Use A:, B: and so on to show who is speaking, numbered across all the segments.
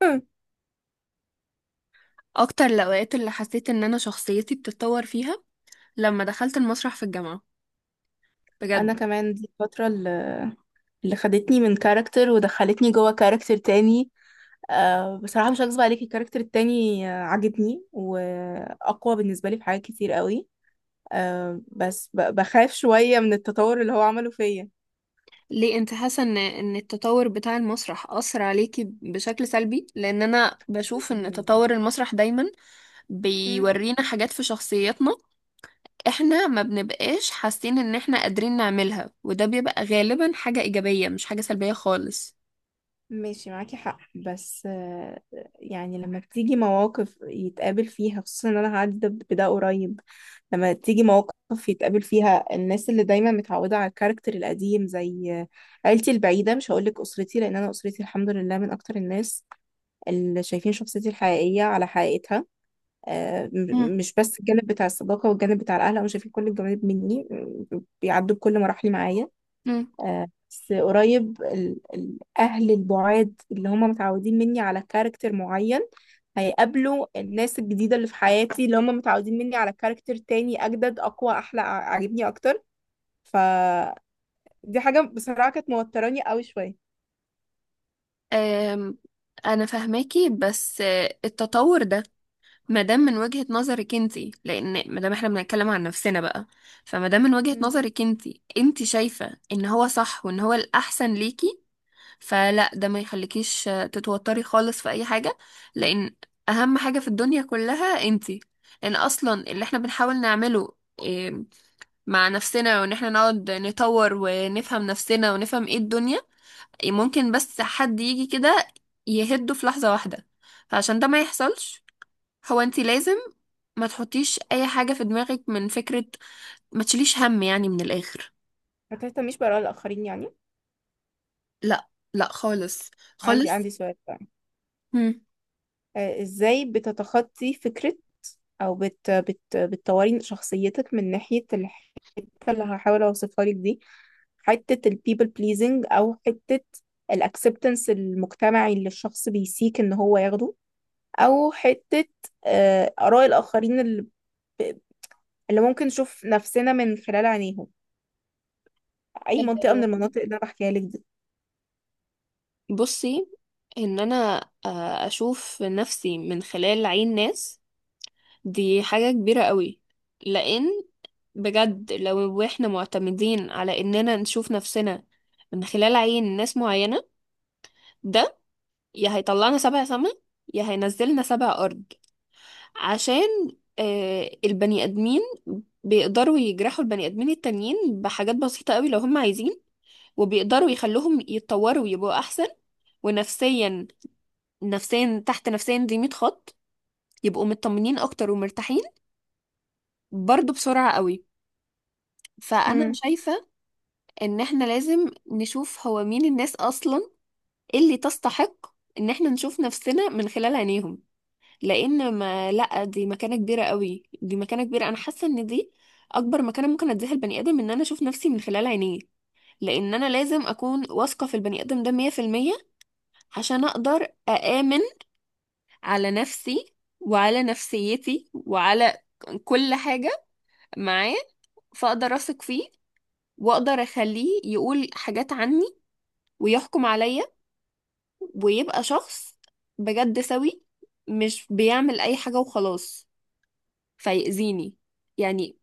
A: اكتر الاوقات اللي حسيت ان انا شخصيتي بتتطور فيها لما دخلت المسرح في الجامعة، بجد.
B: انا كمان دي الفترة اللي خدتني من كاركتر ودخلتني جوه كاركتر تاني. أه بصراحة مش هكذب عليكي، الكاركتر التاني عاجبني واقوى بالنسبة لي في حاجات كتير قوي. أه بس بخاف شوية من التطور اللي هو عمله فيا.
A: ليه انت حاسة ان التطور بتاع المسرح اثر عليكي بشكل سلبي؟ لان انا بشوف ان تطور المسرح دايما
B: مم.
A: بيورينا حاجات في شخصياتنا. احنا ما بنبقاش حاسين ان احنا قادرين نعملها، وده بيبقى غالبا حاجة ايجابية، مش حاجة سلبية خالص.
B: ماشي معاكي حق، بس يعني لما بتيجي مواقف يتقابل فيها، خصوصا ان انا هعدي ده بده قريب. لما تيجي مواقف يتقابل فيها الناس اللي دايما متعودة على الكاركتر القديم، زي عيلتي البعيدة. مش هقولك أسرتي لأن أنا أسرتي الحمد لله من أكتر الناس اللي شايفين شخصيتي الحقيقية على حقيقتها.
A: مم.
B: مش بس الجانب بتاع الصداقة والجانب بتاع الأهل، هم شايفين كل الجوانب مني. بيعدوا بكل مراحلي معايا.
A: مم.
B: بس قريب، الأهل البعاد اللي هم متعودين مني على كاركتر معين، هيقابلوا الناس الجديدة اللي في حياتي اللي هم متعودين مني على كاركتر تاني أجدد أقوى أحلى، عاجبني أكتر. فدي حاجة بصراحة كانت موتراني قوي شوية.
A: أم، انا فاهماكي، بس التطور ده ما دام من وجهة نظرك انتي، لان ما دام احنا بنتكلم عن نفسنا بقى، فما دام من وجهة
B: مم.
A: نظرك انتي، انتي شايفة ان هو صح وان هو الاحسن ليكي، فلا، ده ما يخليكيش تتوتري خالص في اي حاجة. لان اهم حاجة في الدنيا كلها انتي. لان اصلا اللي احنا بنحاول نعمله آه، مع نفسنا، وان احنا نقعد نطور ونفهم نفسنا ونفهم ايه الدنيا، ممكن بس حد يجي كده يهده في لحظة واحدة. فعشان ده ما يحصلش، هو انتي لازم ما تحطيش اي حاجة في دماغك من فكرة، ما تشيليش هم يعني، من الاخر.
B: ما تهتميش بآراء الآخرين يعني؟
A: لا، لا، خالص،
B: عندي
A: خالص.
B: عندي سؤال بقى.
A: مم.
B: إزاي بتتخطي فكرة، او بت بت بتطوري شخصيتك من ناحية الحتة اللي هحاول اوصفها لك دي؟ حتة ال people pleasing، او حتة ال acceptance المجتمعي اللي الشخص بيسيك ان هو ياخده، او حتة آراء الآخرين ب- اللي ممكن نشوف نفسنا من خلال عينيهم. اي منطقة من المناطق اللي انا بحكيها لك دي؟
A: بصي، ان انا اشوف نفسي من خلال عين ناس، دي حاجة كبيرة قوي. لان بجد، لو احنا معتمدين على اننا نشوف نفسنا من خلال عين ناس معينة، ده يا هيطلعنا سبع سما، يا هينزلنا سبع ارض. عشان البني ادمين بيقدروا يجرحوا البني ادمين التانيين بحاجات بسيطة قوي لو هم عايزين، وبيقدروا يخلوهم يتطوروا ويبقوا احسن، ونفسيا، نفسيا تحت نفسيا دي 100 خط، يبقوا مطمنين اكتر ومرتاحين، برضو بسرعة قوي. فانا
B: مم.
A: شايفة ان احنا لازم نشوف هو مين الناس اصلا اللي تستحق ان احنا نشوف نفسنا من خلال عينيهم، لان ما لا، دي مكانه كبيره قوي، دي مكانه كبيره، انا حاسه ان دي اكبر مكانه ممكن اديها البني ادم، ان انا اشوف نفسي من خلال عينيه. لان انا لازم اكون واثقه في البني ادم ده 100%، عشان اقدر اامن على نفسي، وعلى نفسيتي، وعلى كل حاجه معاه. فاقدر اثق فيه، واقدر اخليه يقول حاجات عني ويحكم عليا، ويبقى شخص بجد سوي، مش بيعمل اي حاجه وخلاص فيأذيني، يعني.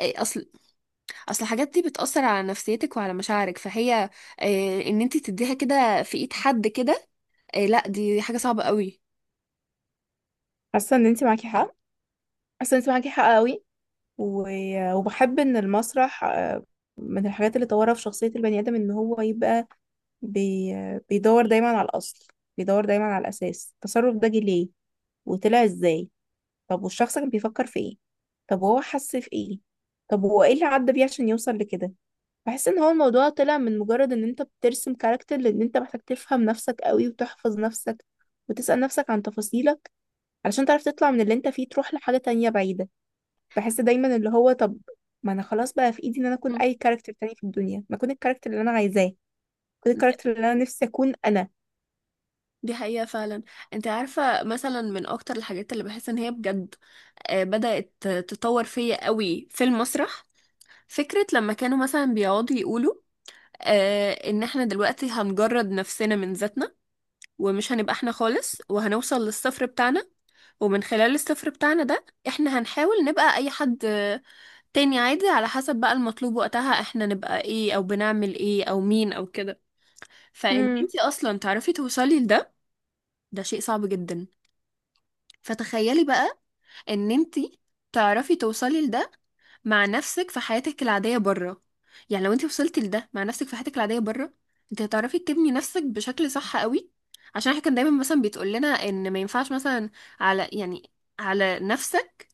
A: إيه، اصل اصل الحاجات دي بتأثر على نفسيتك وعلى مشاعرك، فهي ان انت تديها كده في ايد حد كده، لا، دي حاجة صعبة قوي.
B: حاسة ان انت معاكي حق، حاسة ان انت معاكي حق قوي. وبحب ان المسرح، من الحاجات اللي طورها في شخصية البني آدم، ان هو يبقى بي... بيدور دايما على الأصل، بيدور دايما على الأساس. التصرف ده جه ليه وطلع ازاي؟ طب والشخص كان بيفكر في ايه؟ طب وهو حس في ايه؟ طب هو ايه اللي عدى بيه عشان يوصل لكده؟ بحس ان هو الموضوع طلع من مجرد ان انت بترسم كاركتر، لان انت محتاج تفهم نفسك قوي وتحفظ نفسك وتسأل نفسك عن تفاصيلك علشان تعرف تطلع من اللي انت فيه تروح لحاجة تانية بعيدة. بحس دايما اللي هو، طب ما انا خلاص بقى في ايدي ان انا اكون
A: مم.
B: اي كاركتر تاني في الدنيا، ما اكون الكاركتر اللي انا عايزاه. اكون الكاركتر اللي انا نفسي اكون انا.
A: دي حقيقة فعلا. انت عارفة، مثلا من اكتر الحاجات اللي بحس ان هي بجد بدأت تطور فيا قوي في المسرح، فكرة لما كانوا مثلا بيقعدوا يقولوا ان احنا دلوقتي هنجرد نفسنا من ذاتنا، ومش هنبقى احنا خالص، وهنوصل للصفر بتاعنا، ومن خلال الصفر بتاعنا ده احنا هنحاول نبقى اي حد تاني عادي، على حسب بقى المطلوب وقتها احنا نبقى ايه، او بنعمل ايه، او مين، او كده. فان
B: امم.
A: انتي اصلا تعرفي توصلي لده، ده شيء صعب جدا. فتخيلي بقى ان انتي تعرفي توصلي لده مع نفسك في حياتك العادية بره. يعني لو انتي وصلتي لده مع نفسك في حياتك العادية بره، انت هتعرفي تبني نفسك بشكل صح قوي. عشان احنا كان دايما مثلا بيتقول لنا ان ما ينفعش مثلا على، يعني على نفسك،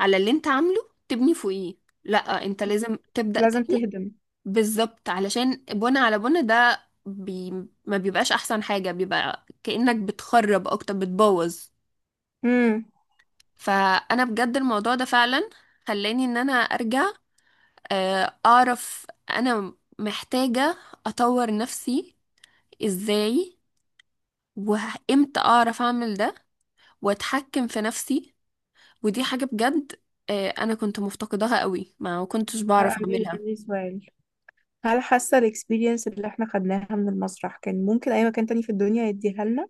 A: على اللي انت عامله تبني فوقيه، لا انت لازم تبدأ
B: لازم
A: تاني.
B: تهدم.
A: بالظبط، علشان بنى على بنى ده ما بيبقاش احسن حاجة، بيبقى كأنك بتخرب اكتر، بتبوظ.
B: امم.
A: فانا بجد الموضوع ده فعلا خلاني ان انا ارجع اعرف انا محتاجة اطور نفسي ازاي، وامتى اعرف اعمل ده، واتحكم في نفسي. ودي حاجة بجد انا كنت مفتقداها قوي، ما كنتش بعرف
B: عندي
A: اعملها.
B: عندي سؤال. هل حاسة الاكسبيرينس اللي احنا خدناها من المسرح كان ممكن اي مكان تاني في الدنيا يديها لنا؟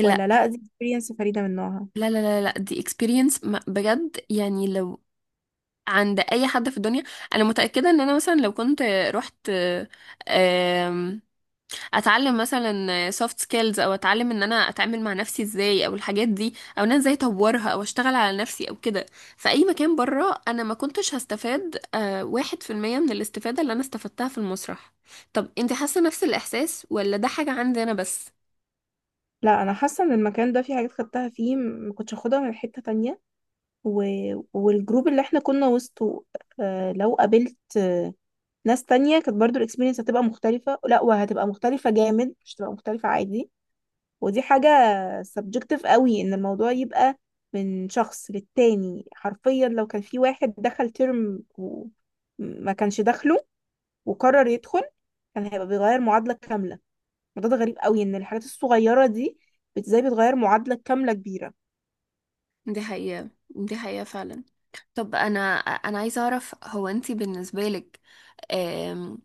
A: لا،
B: ولا لا، دي اكسبيرينس فريدة من نوعها؟
A: لا، لا، لا، لا، دي experience بجد، يعني لو عند اي حد في الدنيا، انا متاكده ان انا، مثلا لو كنت رحت آم، اتعلم مثلا سوفت سكيلز، او اتعلم ان انا اتعامل مع نفسي ازاي، او الحاجات دي، او ان انا ازاي اطورها، او اشتغل على نفسي، او كده، في اي مكان بره، انا ما كنتش هستفاد 1% من الاستفاده اللي انا استفدتها في المسرح. طب، انت حاسه نفس الاحساس، ولا ده حاجه عندي انا بس؟
B: لا، انا حاسة ان المكان ده في حاجات خدتها فيه ما كنتش اخدها من حتة تانية. و... والجروب اللي احنا كنا وسطه، آه لو قابلت آه ناس تانية، كانت برضو الاكسبيرينس هتبقى مختلفة. لا، وهتبقى مختلفة جامد، مش هتبقى مختلفة عادي. ودي حاجة subjective قوي، ان الموضوع يبقى من شخص للتاني. حرفيا لو كان في واحد دخل ترم وما كانش داخله وقرر يدخل، كان هيبقى بيغير معادلة كاملة. الموضوع ده غريب قوي، ان الحاجات الصغيرة دي ازاي بتغير معادلة كاملة كبيرة.
A: دي حقيقه، دي حقيقه فعلا. طب، انا عايزه اعرف، هو انتي بالنسبه لك آم،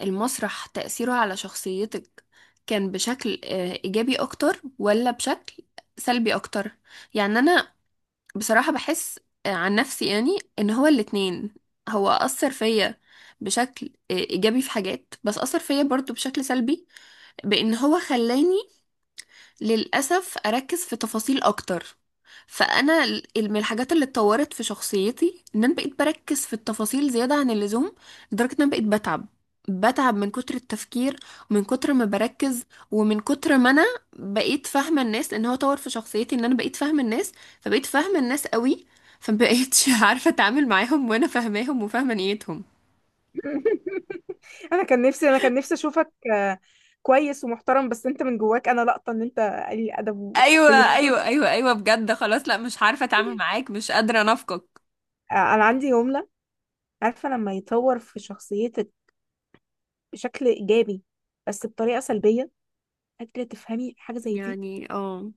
A: المسرح تأثيره على شخصيتك كان بشكل ايجابي اكتر، ولا بشكل سلبي اكتر؟ يعني انا بصراحه بحس عن نفسي، يعني ان هو الاتنين. هو اثر فيا بشكل ايجابي في حاجات، بس اثر فيا برضو بشكل سلبي، بان هو خلاني للأسف أركز في تفاصيل أكتر. فأنا من الحاجات اللي اتطورت في شخصيتي إن أنا بقيت بركز في التفاصيل زيادة عن اللزوم، لدرجة إن أنا بقيت بتعب، بتعب من كتر التفكير، ومن كتر ما بركز، ومن كتر ما أنا بقيت فاهمة الناس. لأن هو طور في شخصيتي إن أنا بقيت فاهمة الناس، فبقيت فاهمة الناس قوي، فمبقيتش عارفة أتعامل معاهم وأنا فاهماهم وفاهمة نيتهم.
B: انا كان نفسي اشوفك كويس ومحترم، بس انت من جواك. انا لقطة ان انت قليل ادب
A: ايوه،
B: وحقير.
A: ايوه، ايوه، ايوه، بجد خلاص، لا، مش عارفه اتعامل معاك، مش قادره انافقك.
B: انا عندي جملة. عارفة لما يطور في شخصية بشكل ايجابي بس بطريقه سلبيه؟ قادره تفهمي حاجه زي دي؟
A: يعني اه،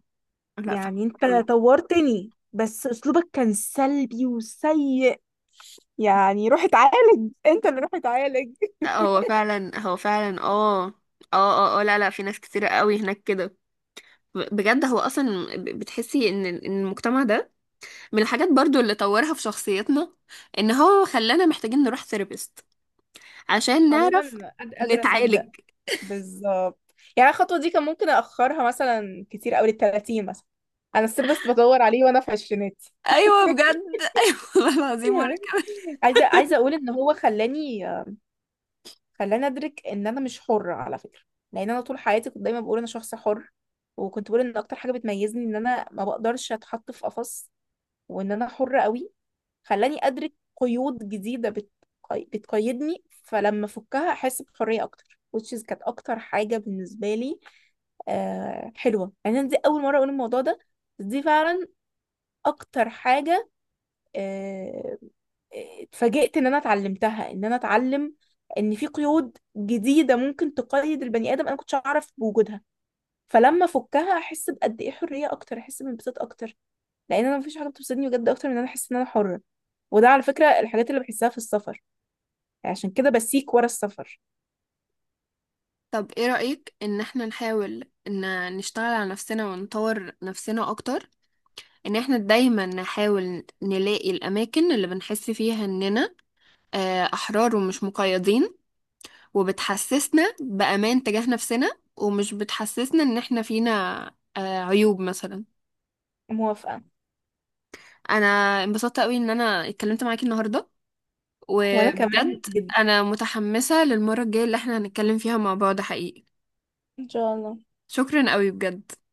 A: لا، فاهمك
B: يعني انت
A: قوي.
B: طورتني، بس اسلوبك كان سلبي وسيء. يعني روح اتعالج انت اللي روح اتعالج.
A: لا، هو فعلا، هو فعلا، اه، اه، اه، اه، لا، لا، في ناس كتيرة قوي هناك كده. بجد هو اصلا، بتحسي إن المجتمع ده من الحاجات برضو اللي طورها في شخصيتنا، ان هو خلانا محتاجين نروح ثيرابيست عشان نعرف
B: عموما قادرة أصدق.
A: نتعالج.
B: بالظبط. يعني الخطوة دي كان ممكن أأخرها مثلا كتير أوي للتلاتين مثلا. أنا السيرفس بدور عليه وأنا في عشريناتي.
A: ايوه، بجد، ايوه والله العظيم، وانا كمان.
B: عايزة أقول إن هو خلاني، خلاني ادرك ان انا مش حرة على فكرة. لان انا طول حياتي كنت دايما بقول انا شخص حر، وكنت بقول ان اكتر حاجة بتميزني ان انا ما بقدرش اتحط في قفص، وان انا حرة قوي. خلاني ادرك قيود جديدة بتقيدني، فلما افكها احس بحرية اكتر، which is كانت اكتر حاجة بالنسبة لي. آه حلوة، يعني انا دي اول مرة اقول الموضوع ده، بس دي فعلا اكتر حاجة آه، اتفاجئت ان انا اتعلمتها. ان انا اتعلم ان في قيود جديده ممكن تقيد البني ادم انا كنتش اعرف بوجودها، فلما افكها احس بقد ايه حريه اكتر، احس بانبساط اكتر. لان انا مفيش حاجه بتبسطني بجد اكتر من ان انا احس ان انا حره. وده على فكره الحاجات اللي بحسها في السفر، يعني عشان كده بسيك ورا السفر.
A: طب ايه رأيك ان احنا نحاول ان نشتغل على نفسنا ونطور نفسنا اكتر، ان احنا دايما نحاول نلاقي الاماكن اللي بنحس فيها اننا أحرار ومش مقيدين، وبتحسسنا بأمان تجاه نفسنا، ومش بتحسسنا إن إحنا فينا عيوب مثلا؟
B: موافقه.
A: أنا انبسطت قوي إن أنا اتكلمت معاكي النهاردة،
B: وانا كمان
A: وبجد
B: جدا.
A: أنا متحمسة للمرة الجاية اللي إحنا هنتكلم فيها مع بعض حقيقي.
B: ان شاء الله.
A: شكرا قوي، بجد.